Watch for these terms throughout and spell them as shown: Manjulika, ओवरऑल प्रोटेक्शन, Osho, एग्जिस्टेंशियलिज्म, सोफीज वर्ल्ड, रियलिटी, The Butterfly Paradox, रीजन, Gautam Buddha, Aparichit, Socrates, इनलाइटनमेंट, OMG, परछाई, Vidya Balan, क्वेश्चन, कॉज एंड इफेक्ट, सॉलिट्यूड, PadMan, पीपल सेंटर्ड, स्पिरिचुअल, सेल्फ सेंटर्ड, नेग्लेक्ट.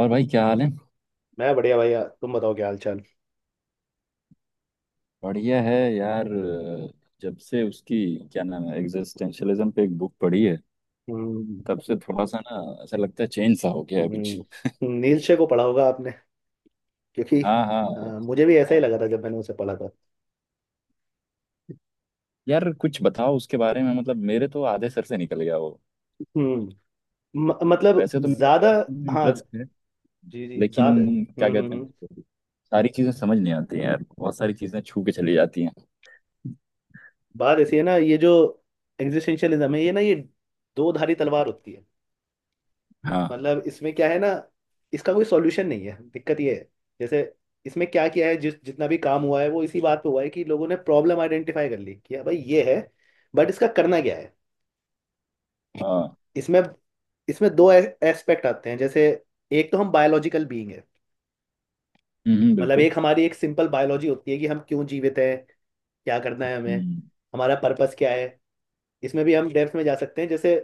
और भाई क्या हाल है। मैं बढ़िया भैया। तुम बताओ, क्या हाल चाल। बढ़िया है यार। जब से उसकी क्या नाम है एग्जिस्टेंशियलिज्म पे एक बुक पढ़ी है, हम्म तब से थोड़ा सा ना ऐसा लगता है चेंज सा हो गया है कुछ। हम्म, नीलशे को पढ़ा होगा आपने, क्योंकि हाँ, हाँ। मुझे भी ऐसा ही लगा था जब मैंने उसे पढ़ा था। यार कुछ बताओ उसके बारे में, मतलब मेरे तो आधे सर से निकल गया वो। हम्म। मतलब वैसे तो मेरा ज्यादा। फिलोसफी में हाँ। इंटरेस्ट है, जी जी, ज्यादा। लेकिन क्या कहते हैं उसको, सारी चीजें समझ नहीं आती हैं यार, बहुत सारी चीजें छू के चली जाती हैं। बात ऐसी है ना, ये जो एग्जिस्टेंशियलिज्म है ये ना, ये दो धारी तलवार होती है। हाँ, मतलब इसमें क्या है ना, इसका कोई सॉल्यूशन नहीं है, दिक्कत ये है। जैसे इसमें क्या किया है, जिस जितना भी काम हुआ है वो इसी बात पे हुआ है कि लोगों ने प्रॉब्लम आइडेंटिफाई कर ली कि हाँ भाई ये है। बट इसका करना क्या है? हाँ। इसमें इसमें दो एस्पेक्ट आते हैं। जैसे, एक तो हम बायोलॉजिकल बीइंग है। हम्म, मतलब बिल्कुल। एक हमारी एक सिंपल बायोलॉजी होती है कि हम क्यों जीवित हैं, क्या करना है हमें, हम्म। हमारा पर्पस क्या है। इसमें भी हम डेप्थ में जा सकते हैं। जैसे,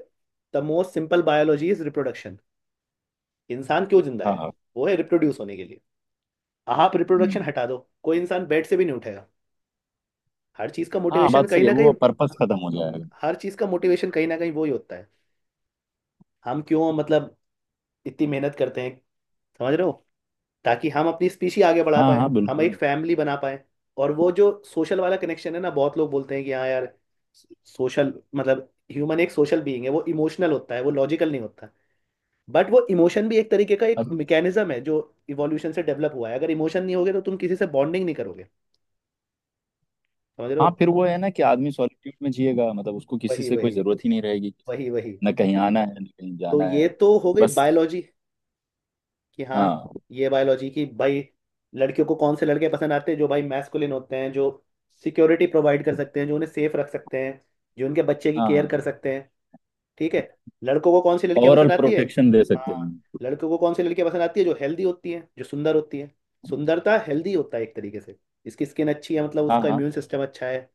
the most simple biology is reproduction. इंसान क्यों जिंदा हाँ, है? हाँ। वो है रिप्रोड्यूस होने के लिए। आप रिप्रोडक्शन हम्म। हटा दो, कोई इंसान बेड से भी नहीं उठेगा। हर चीज का हाँ, मोटिवेशन बात कहीं सही है, ना कहीं। वो पर्पस खत्म हो जाएगा। हर चीज का मोटिवेशन कहीं ना कहीं वो ही होता है। हम क्यों मतलब इतनी मेहनत करते हैं, समझ रहे हो, ताकि हम अपनी स्पीशी आगे बढ़ा हाँ, हाँ, पाए, हम एक बिल्कुल। फैमिली बना पाए। और वो जो सोशल वाला कनेक्शन है ना, बहुत लोग बोलते हैं कि हाँ यार, सोशल मतलब ह्यूमन एक सोशल बीइंग है, वो इमोशनल होता है, वो लॉजिकल नहीं होता। बट वो इमोशन भी एक तरीके का एक मैकेनिज्म है जो इवोल्यूशन से डेवलप हुआ है। अगर इमोशन नहीं होगे तो तुम किसी से बॉन्डिंग नहीं करोगे, समझ रहे हो। हाँ, फिर वो है ना कि आदमी सॉलिट्यूड में जिएगा, मतलब उसको किसी वही से कोई वही। जरूरत ही नहीं रहेगी। वही वही। ना कहीं आना है, ना कहीं तो जाना है, ये तो हो गई बस। बायोलॉजी कि हाँ, हाँ ये बायोलॉजी की भाई। लड़कियों को कौन से लड़के पसंद आते हैं? जो भाई मैस्कुलिन होते हैं, जो सिक्योरिटी प्रोवाइड कर सकते हैं, जो उन्हें सेफ रख सकते हैं, जो उनके बच्चे की हाँ। केयर हाँ। कर सकते हैं। ठीक है, लड़कों को कौन सी लड़कियां ओवरऑल पसंद आती है। प्रोटेक्शन दे सकते हाँ, हैं। लड़कों को कौन सी लड़कियां पसंद आती है? जो हेल्दी होती हैं, जो सुंदर होती हैं। सुंदरता हेल्दी होता है एक तरीके से। इसकी स्किन अच्छी है मतलब हाँ, उसका हाँ, इम्यून सिस्टम अच्छा है।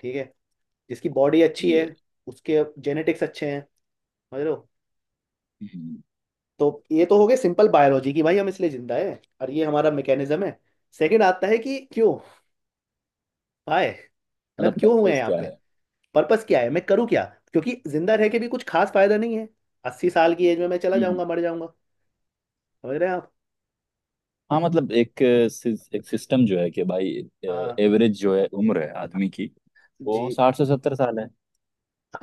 ठीक है, जिसकी बॉडी अच्छी है ये। उसके जेनेटिक्स अच्छे हैं, समझ लो। हम्म, तो ये तो हो गए सिंपल बायोलॉजी की भाई हम इसलिए जिंदा है और ये हमारा मैकेनिज्म है। सेकंड आता है कि क्यों, हाय मतलब मतलब क्यों हुए हैं पर्पस यहाँ क्या पे। है। पर्पस क्या है, मैं करूँ क्या। क्योंकि जिंदा रह के भी कुछ खास फायदा नहीं है। 80 साल की एज में मैं चला हम्म। जाऊंगा, मर जाऊंगा। समझ रहे हैं आप। हाँ, मतलब एक एक सिस्टम जो है कि भाई, हाँ। एवरेज जो है उम्र है आदमी की, जी। वो 60 से 70 साल है।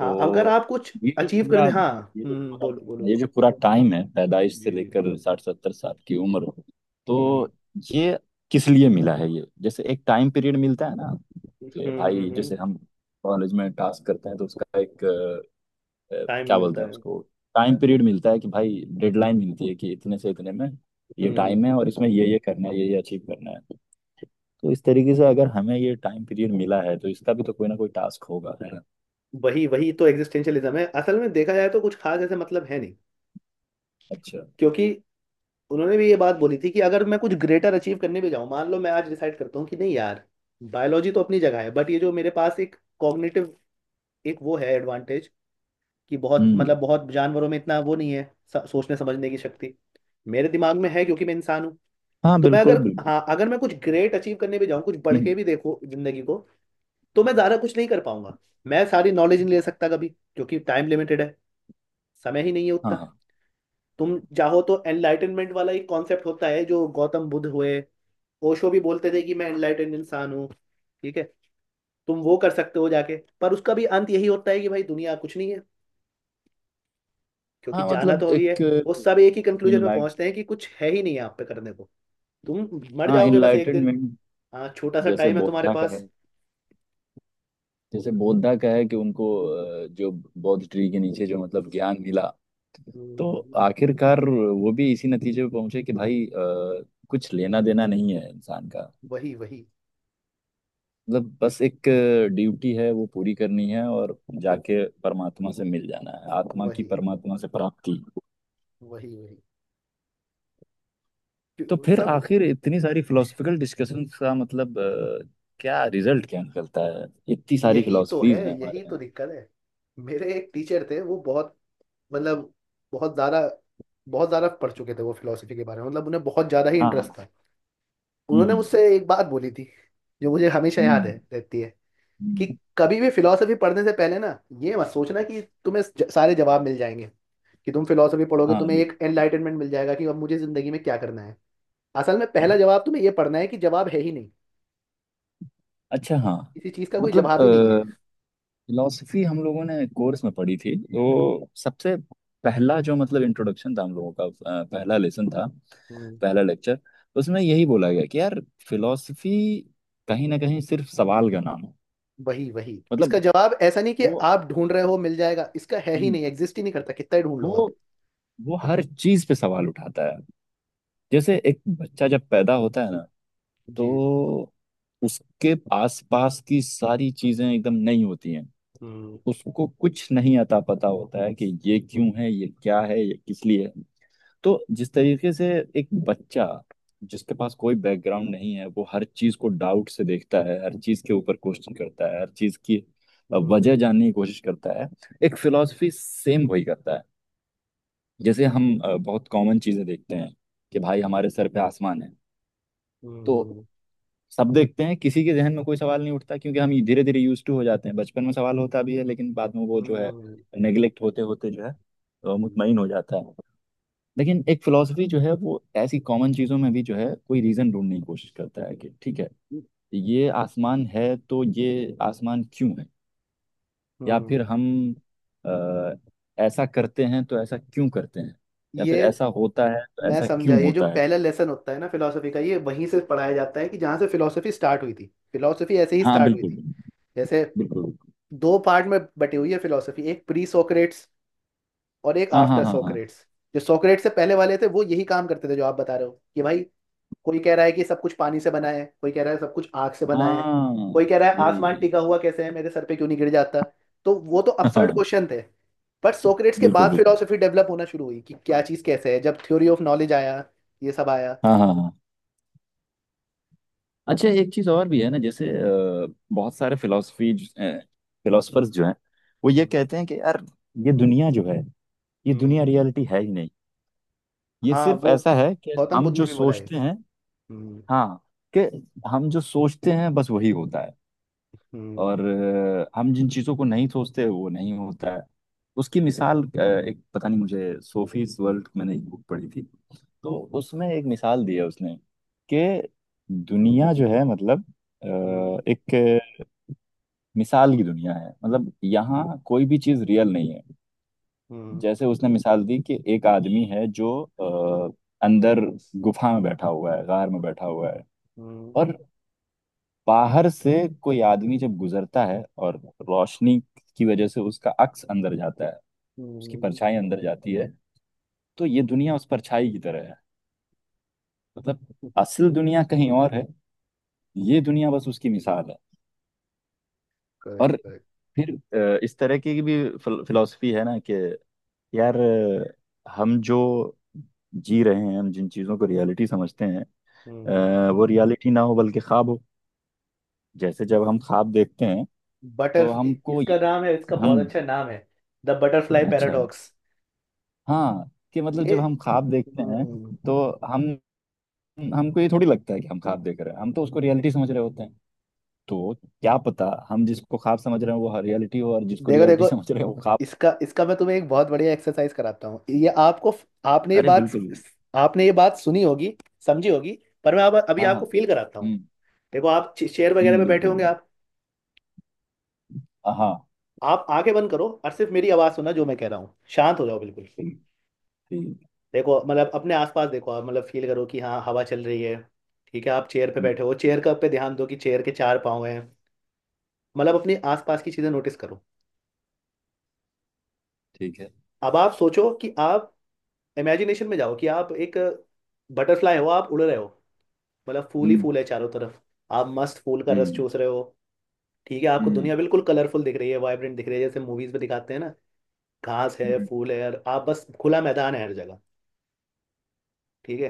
हाँ अगर आप कुछ ये जो अचीव पूरा करने। हाँ। ये जो पूरा बोलो बोलो ये बोलो। जो पूरा टाइम है पैदाइश से जी जी। लेकर 60-70 साल की उम्र, हम्म तो ये किस लिए मिला है? ये जैसे एक टाइम पीरियड मिलता है ना, कि भाई हम्म। जैसे हम कॉलेज में टास्क करते हैं तो उसका एक टाइम क्या बोलते मिलता हैं है। उसको, टाइम पीरियड मिलता है कि भाई डेडलाइन मिलती है कि इतने से इतने में ये हम्म। टाइम है और इसमें ये करना है, ये अचीव करना है। तो इस तरीके से अगर हमें ये टाइम पीरियड मिला है तो इसका भी तो कोई ना कोई टास्क होगा, है ना। वही वही, तो एग्जिस्टेंशियलिज्म है असल में। देखा जाए तो कुछ खास ऐसे मतलब है नहीं, अच्छा। क्योंकि उन्होंने भी ये बात बोली थी कि अगर मैं कुछ ग्रेटर अचीव करने भी जाऊं, मान लो मैं आज डिसाइड करता हूँ कि नहीं यार, बायोलॉजी तो अपनी जगह है बट ये जो मेरे पास एक कॉग्निटिव एक वो है एडवांटेज, कि बहुत हम्म। मतलब बहुत जानवरों में इतना वो नहीं है, सोचने समझने की शक्ति मेरे दिमाग में है क्योंकि मैं इंसान हूँ। हाँ, तो मैं बिल्कुल अगर, बिल्कुल। हाँ अगर मैं कुछ ग्रेट अचीव करने भी जाऊँ, कुछ बढ़ हम्म, के भी देखो जिंदगी को, तो मैं ज़्यादा कुछ नहीं कर पाऊंगा। मैं सारी नॉलेज नहीं ले सकता कभी क्योंकि टाइम लिमिटेड है, समय ही नहीं है हाँ, उतना। हाँ, तुम चाहो तो एनलाइटनमेंट वाला एक कॉन्सेप्ट होता है, जो गौतम बुद्ध हुए, ओशो भी बोलते थे कि मैं एनलाइटेंड इंसान हूँ, ठीक है, तुम वो कर सकते हो जाके। पर उसका भी अंत यही होता है कि भाई दुनिया कुछ नहीं है, क्योंकि हाँ, जाना मतलब तो वही है। एक वो सब एक ही कंक्लूजन में इनलाइट पहुंचते हैं कि कुछ है ही नहीं है आप पे करने को, तुम मर हाँ, जाओगे बस एक दिन। इनलाइटनमेंट। हाँ, छोटा सा जैसे टाइम है तुम्हारे बौद्धा का पास। है जैसे बौद्धा का है कि उनको हम्म, जो बौद्ध ट्री के नीचे जो मतलब ज्ञान मिला, तो हम्म। आखिरकार वो भी इसी नतीजे पे पहुंचे कि भाई, कुछ लेना देना नहीं है इंसान का। वही वही, मतलब बस एक ड्यूटी है, वो पूरी करनी है, और जाके परमात्मा से मिल जाना है, आत्मा की वही परमात्मा से प्राप्ति। वही। वही तो फिर सब, आखिर इतनी सारी फिलोसफिकल डिस्कशन का मतलब क्या रिजल्ट क्या निकलता है? इतनी सारी यही तो फिलोसफीज है, हैं हमारे यही तो यहाँ। दिक्कत है। मेरे एक टीचर थे, वो बहुत मतलब बहुत ज्यादा, बहुत ज्यादा पढ़ चुके थे वो फिलोसफी के बारे में, मतलब उन्हें बहुत ज्यादा ही हाँ, हाँ। इंटरेस्ट था। हम्म, उन्होंने मुझसे हम्म, एक बात बोली थी जो मुझे हमेशा याद है हम्म, रहती है, कि हम्म। कभी भी फिलोसफी पढ़ने से पहले ना, ये मत सोचना कि तुम्हें सारे जवाब मिल जाएंगे, कि तुम फिलोसफी पढ़ोगे हाँ, तुम्हें ये। एक एनलाइटनमेंट मिल जाएगा कि अब मुझे जिंदगी में क्या करना है। असल में पहला जवाब तुम्हें ये पढ़ना है कि जवाब है ही नहीं, अच्छा, हाँ। किसी चीज का कोई मतलब जवाब ही नहीं है। फिलोसफी हम लोगों ने कोर्स में पढ़ी थी, तो सबसे पहला जो मतलब इंट्रोडक्शन था हम लोगों का, पहला लेसन था, हम्म, पहला लेक्चर, उसमें यही बोला गया कि यार फिलोसफी कहीं ना कहीं सिर्फ सवाल का नाम है। वही वही। इसका मतलब जवाब ऐसा नहीं कि वो आप ढूंढ रहे हो मिल जाएगा, इसका है ही हम्म, नहीं, एग्जिस्ट ही नहीं करता कितना ही ढूंढ लो आप। वो वो हर चीज पे सवाल उठाता है। जैसे एक बच्चा जब पैदा होता है ना, जी। तो उसके आस पास की सारी चीजें एकदम नई होती हैं, हम्म उसको कुछ नहीं अता पता होता है कि ये क्यों है, ये क्या है, ये किस लिए है। तो जिस तरीके से एक बच्चा, जिसके पास कोई बैकग्राउंड नहीं है, वो हर चीज को डाउट से देखता है, हर चीज के ऊपर क्वेश्चन करता है, हर चीज की वजह हम्म जानने की कोशिश करता है, एक फिलॉसफी सेम वही करता है। जैसे हम बहुत कॉमन चीजें देखते हैं, कि भाई हमारे सर पे आसमान है, तो हम्म सब देखते हैं, किसी के जहन में कोई सवाल नहीं उठता क्योंकि हम धीरे धीरे यूज टू हो जाते हैं। बचपन में सवाल होता भी है लेकिन बाद में वो जो है हम्म नेग्लेक्ट होते होते जो है हम्म, मुतमईन हो जाता है। लेकिन एक फिलोसफी जो है वो ऐसी कॉमन चीजों में भी जो है कोई रीजन ढूंढने की कोशिश करता है, कि ठीक है, ये आसमान है तो ये आसमान क्यों है? या हम्म। फिर हम अ, ऐसा करते हैं तो ऐसा क्यों करते हैं? या ये, फिर ऐसा होता है तो मैं ऐसा समझा। क्यों ये जो होता है? पहला लेसन होता है ना फिलोसफी का, ये वहीं से पढ़ाया जाता है कि जहाँ से फिलोसफी स्टार्ट हुई थी। फिलोसफी ऐसे ही हाँ, स्टार्ट हुई बिल्कुल थी। बिल्कुल। जैसे, बिल्कुल बिल्कुल। दो पार्ट में बटी हुई है फिलोसफी, एक प्री सोक्रेट्स और एक हाँ, हाँ, आफ्टर हाँ, हाँ। सोक्रेट्स। जो सोक्रेट्स से पहले वाले थे वो यही काम करते थे जो आप बता रहे हो, कि भाई कोई कह रहा है कि सब कुछ पानी से बना है, कोई कह रहा है सब कुछ आग से बना है, हाँ, कोई कह रहा है यही आसमान यही। टिका हुआ कैसे है मेरे सर पे, क्यों नहीं गिर जाता। तो वो तो अपसर्ड हाँ, क्वेश्चन थे। बट सोक्रेट्स के बिल्कुल बाद बिल्कुल। फिलोसफी डेवलप होना शुरू हुई कि क्या चीज़ कैसे है, जब थ्योरी ऑफ नॉलेज आया, ये सब आया। हाँ, हाँ, हाँ। अच्छा, एक चीज और भी है ना, जैसे बहुत सारे फिलोसफी फिलोसफर्स जो हैं, वो ये हम्म कहते हैं कि यार ये दुनिया जो है, ये हम्म। दुनिया रियलिटी है ही नहीं, ये हाँ सिर्फ वो, ऐसा है कि गौतम हम बुद्ध ने जो भी बोला है। सोचते हैं। हम्म हाँ, कि हम जो सोचते हैं बस वही होता है, और हम्म हम जिन चीज़ों को नहीं सोचते वो नहीं होता है। उसकी मिसाल एक पता नहीं मुझे, सोफीज वर्ल्ड मैंने एक बुक पढ़ी थी, तो उसमें एक मिसाल दी है उसने कि दुनिया जो है मतलब अ, हम्म एक मिसाल की दुनिया है, मतलब यहाँ कोई भी चीज़ रियल नहीं है। जैसे उसने मिसाल दी कि एक आदमी है जो अ, अंदर गुफा में बैठा हुआ है, गार में बैठा हुआ है, हम्म और बाहर से कोई आदमी जब गुजरता है और रोशनी की वजह से उसका अक्स अंदर जाता है, उसकी हम्म। परछाई अंदर जाती है, तो ये दुनिया उस परछाई की तरह है, मतलब असल दुनिया कहीं और है, ये दुनिया बस उसकी मिसाल है। करेक्ट और करेक्ट। फिर इस तरह की भी फिलॉसफी है ना, कि यार, हम जो जी रहे हैं, हम जिन चीज़ों को रियलिटी समझते हैं, हम्म। वो रियलिटी ना हो बल्कि ख्वाब हो। जैसे जब हम ख्वाब देखते हैं बटर तो हमको ये इसका नाम है, इसका हम बहुत अच्छा नाम है, द बटरफ्लाई अच्छा, पैराडॉक्स। हाँ, कि मतलब ये। जब हम ख्वाब देखते हैं हम्म, तो हम हमको ये थोड़ी लगता है कि हम ख्वाब देख रहे हैं, हम तो उसको रियलिटी समझ रहे होते हैं। तो क्या पता हम जिसको ख्वाब समझ रहे हैं वो रियलिटी हो और जिसको देखो रियलिटी देखो, समझ रहे हैं वो ख्वाब। इसका इसका मैं तुम्हें एक बहुत बढ़िया एक्सरसाइज कराता हूँ। ये आपको, आपने ये अरे, बात बिल्कुल बिल्कुल। आपने ये बात सुनी होगी, समझी होगी, पर मैं अब अभी हाँ, हाँ, आपको फील कराता हूँ। हम्म, देखो आप चेयर वगैरह हम्म, पे बैठे बिल्कुल होंगे बिल्कुल। आप हाँ, आप आंखें बंद करो और सिर्फ मेरी आवाज़ सुनना जो मैं कह रहा हूँ, शांत हो जाओ बिल्कुल। ठीक, ठीक। देखो मतलब अपने आसपास देखो आप, मतलब फील करो कि हाँ हवा चल रही है। ठीक है, आप चेयर पे हम्म, बैठे हो, चेयर का पे ध्यान दो कि चेयर के चार पाँव हैं। मतलब अपने आसपास की चीज़ें नोटिस करो। ठीक है। अब आप सोचो कि आप इमेजिनेशन में जाओ कि आप एक बटरफ्लाई हो, आप उड़ रहे हो, मतलब फूल ही हम्म, फूल है चारों तरफ। आप मस्त फूल का रस हम्म, चूस रहे हो। ठीक है, आपको हम्म, दुनिया बिल्कुल कलरफुल दिख रही है, वाइब्रेंट दिख रही है, जैसे मूवीज में दिखाते हैं ना। घास है, हम्म, फूल है, और आप बस, खुला मैदान है हर जगह। ठीक है,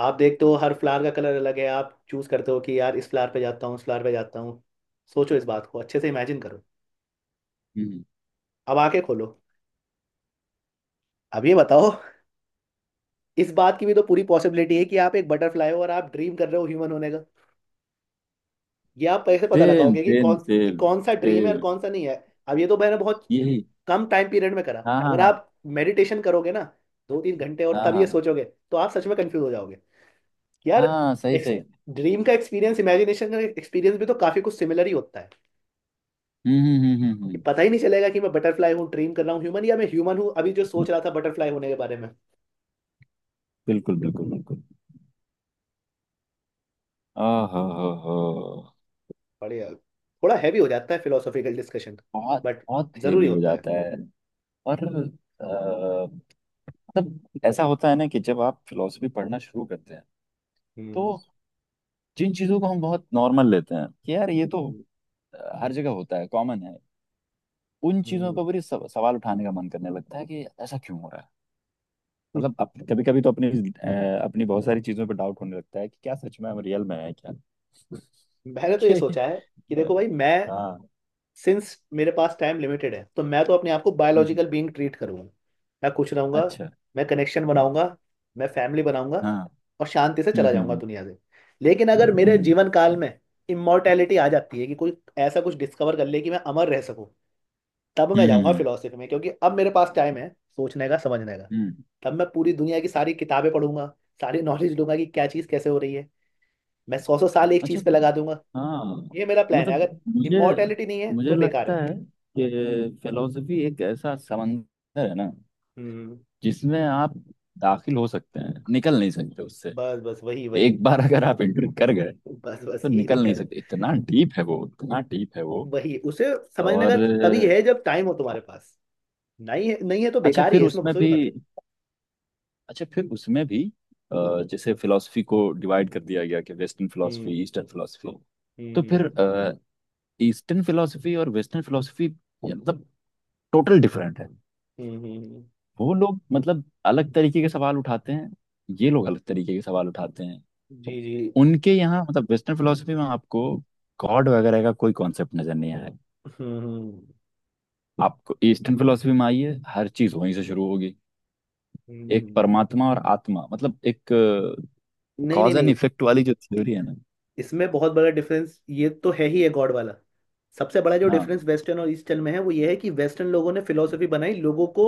आप देखते हो हर फ्लावर का कलर अलग है, आप चूज करते हो कि यार इस फ्लावर पे जाता हूँ, उस फ्लावर पे जाता हूँ। सोचो इस बात को, अच्छे से इमेजिन करो। हम्म। अब आंखें खोलो। अब ये बताओ, इस बात की भी तो पूरी पॉसिबिलिटी है कि आप एक बटरफ्लाई हो और आप ड्रीम कर रहे हो ह्यूमन होने का। ये आप पैसे पता सेम, लगाओगे सेम, कि सेम। कौन सा ड्रीम है और सेम। कौन सा नहीं है। अब ये तो मैंने बहुत यही। कम टाइम पीरियड में करा। हाँ, अगर हाँ, आप मेडिटेशन करोगे ना, 2 3 घंटे, और हाँ, तब ये हाँ। सोचोगे, तो आप सच में कंफ्यूज हो जाओगे कि यार, हाँ, हाँ, सही सही। ड्रीम का एक्सपीरियंस इमेजिनेशन का एक्सपीरियंस भी तो काफी कुछ सिमिलर ही होता है, हम्म, हम्म, हम्म, हम्म, कि पता ही नहीं चलेगा कि मैं बटरफ्लाई हूँ ड्रीम कर रहा हूँ ह्यूमन, या मैं ह्यूमन हूँ अभी जो सोच रहा था बटरफ्लाई होने के बारे में। बिल्कुल बिल्कुल बिल्कुल। ओहो हो हो। बढ़िया, थोड़ा हैवी हो जाता है फिलोसॉफिकल डिस्कशन, बहुत बट बहुत हेवी जरूरी हो होता है। जाता है। और अ, मतलब ऐसा होता है ना, कि जब आप फिलोसफी पढ़ना शुरू करते हैं, तो हम्म जिन चीज़ों को हम बहुत नॉर्मल लेते हैं कि यार ये तो हम्म, हर जगह होता है, कॉमन है, उन चीज़ों हम्म। पर भी सवाल उठाने का मन करने लगता है कि ऐसा क्यों हो रहा है। मतलब कभी कभी तो अपनी बहुत सारी चीज़ों पर डाउट होने लगता है कि क्या सच में हम रियल में है क्या। मैंने तो ये कि- सोचा है कि देखो भाई मैं, हाँ। सिंस मेरे पास टाइम लिमिटेड है, तो मैं तो अपने आप को हम्म। बायोलॉजिकल बीइंग ट्रीट करूंगा। मैं खुश रहूंगा, अच्छा, मैं कनेक्शन बनाऊंगा, मैं फैमिली बनाऊंगा, हाँ। और शांति से हम्म, चला जाऊंगा हम्म, दुनिया से। लेकिन अगर हम्म, मेरे जीवन काल में इमोर्टैलिटी आ जाती है कि कोई ऐसा कुछ डिस्कवर कर ले कि मैं अमर रह सकूं, तब मैं हम्म, जाऊंगा हम्म, फिलोसफी में क्योंकि अब मेरे पास टाइम है सोचने का समझने का। हम्म। तब मैं पूरी दुनिया की सारी किताबें पढ़ूंगा, सारी नॉलेज लूंगा कि क्या चीज़ कैसे हो रही है। मैं सौ सौ साल एक अच्छा चीज़ पे फिल्म। लगा दूंगा। हाँ, ये मेरा प्लान है, अगर मतलब मुझे इमोर्टैलिटी नहीं है मुझे तो बेकार लगता है। है कि फिलोसफी एक ऐसा समंदर है ना, हम्म। जिसमें आप दाखिल हो सकते हैं, निकल नहीं सकते उससे। बस बस, वही वही। एक बार अगर आप एंटर कर गए बस बस, तो यही निकल नहीं दिक्कत है। सकते, इतना डीप है वो, इतना डीप है वो। वही उसे समझने का और तभी है जब टाइम हो तुम्हारे पास, नहीं है नहीं है तो अच्छा बेकार ही फिर है, इसमें उसमें घुसो ही भी मत। अच्छा, फिर उसमें भी जैसे फिलोसफी को डिवाइड कर दिया गया, कि वेस्टर्न हम्म फिलोसफी, ईस्टर्न फिलोसफी। तो हम्म फिर ईस्टर्न फिलोसफी और वेस्टर्न फिलोसफी मतलब टोटल डिफरेंट है। हम्म। वो लोग मतलब अलग तरीके के सवाल उठाते हैं, ये लोग अलग तरीके के सवाल उठाते हैं। जी जी। उनके यहाँ, मतलब वेस्टर्न फिलोसफी में, आपको गॉड वगैरह का कोई कॉन्सेप्ट नजर नहीं आएगा। हम्म आपको ईस्टर्न फिलोसफी में आइए, हर चीज वहीं से शुरू होगी, एक हम्म। परमात्मा और आत्मा, मतलब एक नहीं नहीं कॉज एंड नहीं, इफेक्ट वाली जो थ्योरी है ना। इसमें बहुत बड़ा डिफरेंस ये तो है ही है, गॉड वाला। सबसे बड़ा जो हाँ, डिफरेंस वेस्टर्न और ईस्टर्न में है वो ये है कि वेस्टर्न लोगों ने फिलोसफी बनाई लोगों को,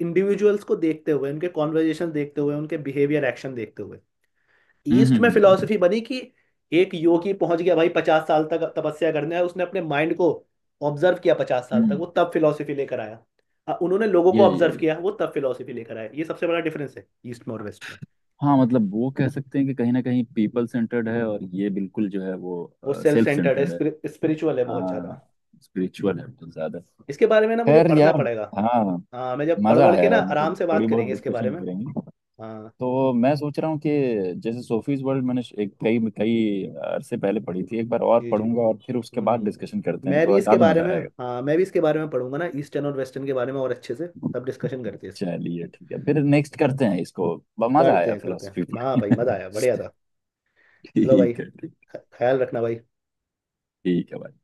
इंडिविजुअल्स को देखते हुए, उनके कॉन्वर्जेशन देखते हुए, उनके बिहेवियर एक्शन देखते हुए। हम्म, ईस्ट में हम्म, हम्म, फिलॉसफी बनी कि एक योगी पहुंच गया भाई, 50 साल तक तपस्या करने है, उसने अपने माइंड को ऑब्जर्व किया 50 साल तक, हम्म। वो तब फिलॉसफी लेकर आया। उन्होंने लोगों को ऑब्जर्व ये किया, वो तब फिलॉसफी लेकर आया। ये सबसे बड़ा डिफरेंस है ईस्ट में और वेस्ट में। हाँ, मतलब वो कह सकते हैं कि कहीं ना कहीं पीपल सेंटर्ड है और ये बिल्कुल जो है वो वो सेल्फ सेल्फ सेंटर्ड है, सेंटर्ड है। स्पिरिचुअल है बहुत ज्यादा। हाँ, स्पिरिचुअल है बहुत ज्यादा। इसके बारे में ना मुझे खैर पढ़ना यार। पड़ेगा। हाँ। हाँ मैं जब पढ़ मजा वढ़ के आया ना है, मतलब आराम से बात थोड़ी बहुत करेंगे इसके बारे डिस्कशन में। करेंगे। हाँ। तो मैं सोच रहा हूँ कि जैसे सोफीज वर्ल्ड मैंने एक कई कई अरसे पहले पढ़ी थी, एक बार और जी जी। पढ़ूंगा और फिर उसके बाद हम्म। डिस्कशन करते हैं मैं भी तो इसके ज्यादा बारे मजा में, आएगा। हाँ मैं भी इसके बारे में पढ़ूंगा ना, ईस्टर्न और वेस्टर्न के बारे में और अच्छे से, तब डिस्कशन करते हैं इस पर। चलिए, ठीक है, फिर नेक्स्ट करते हैं इसको। मजा करते आया हैं करते हैं, फिलोसफी। हाँ भाई, मजा आया, बढ़िया था। चलो भाई, ठीक है, ठीक। ख्याल रखना भाई। ठीक है भाई।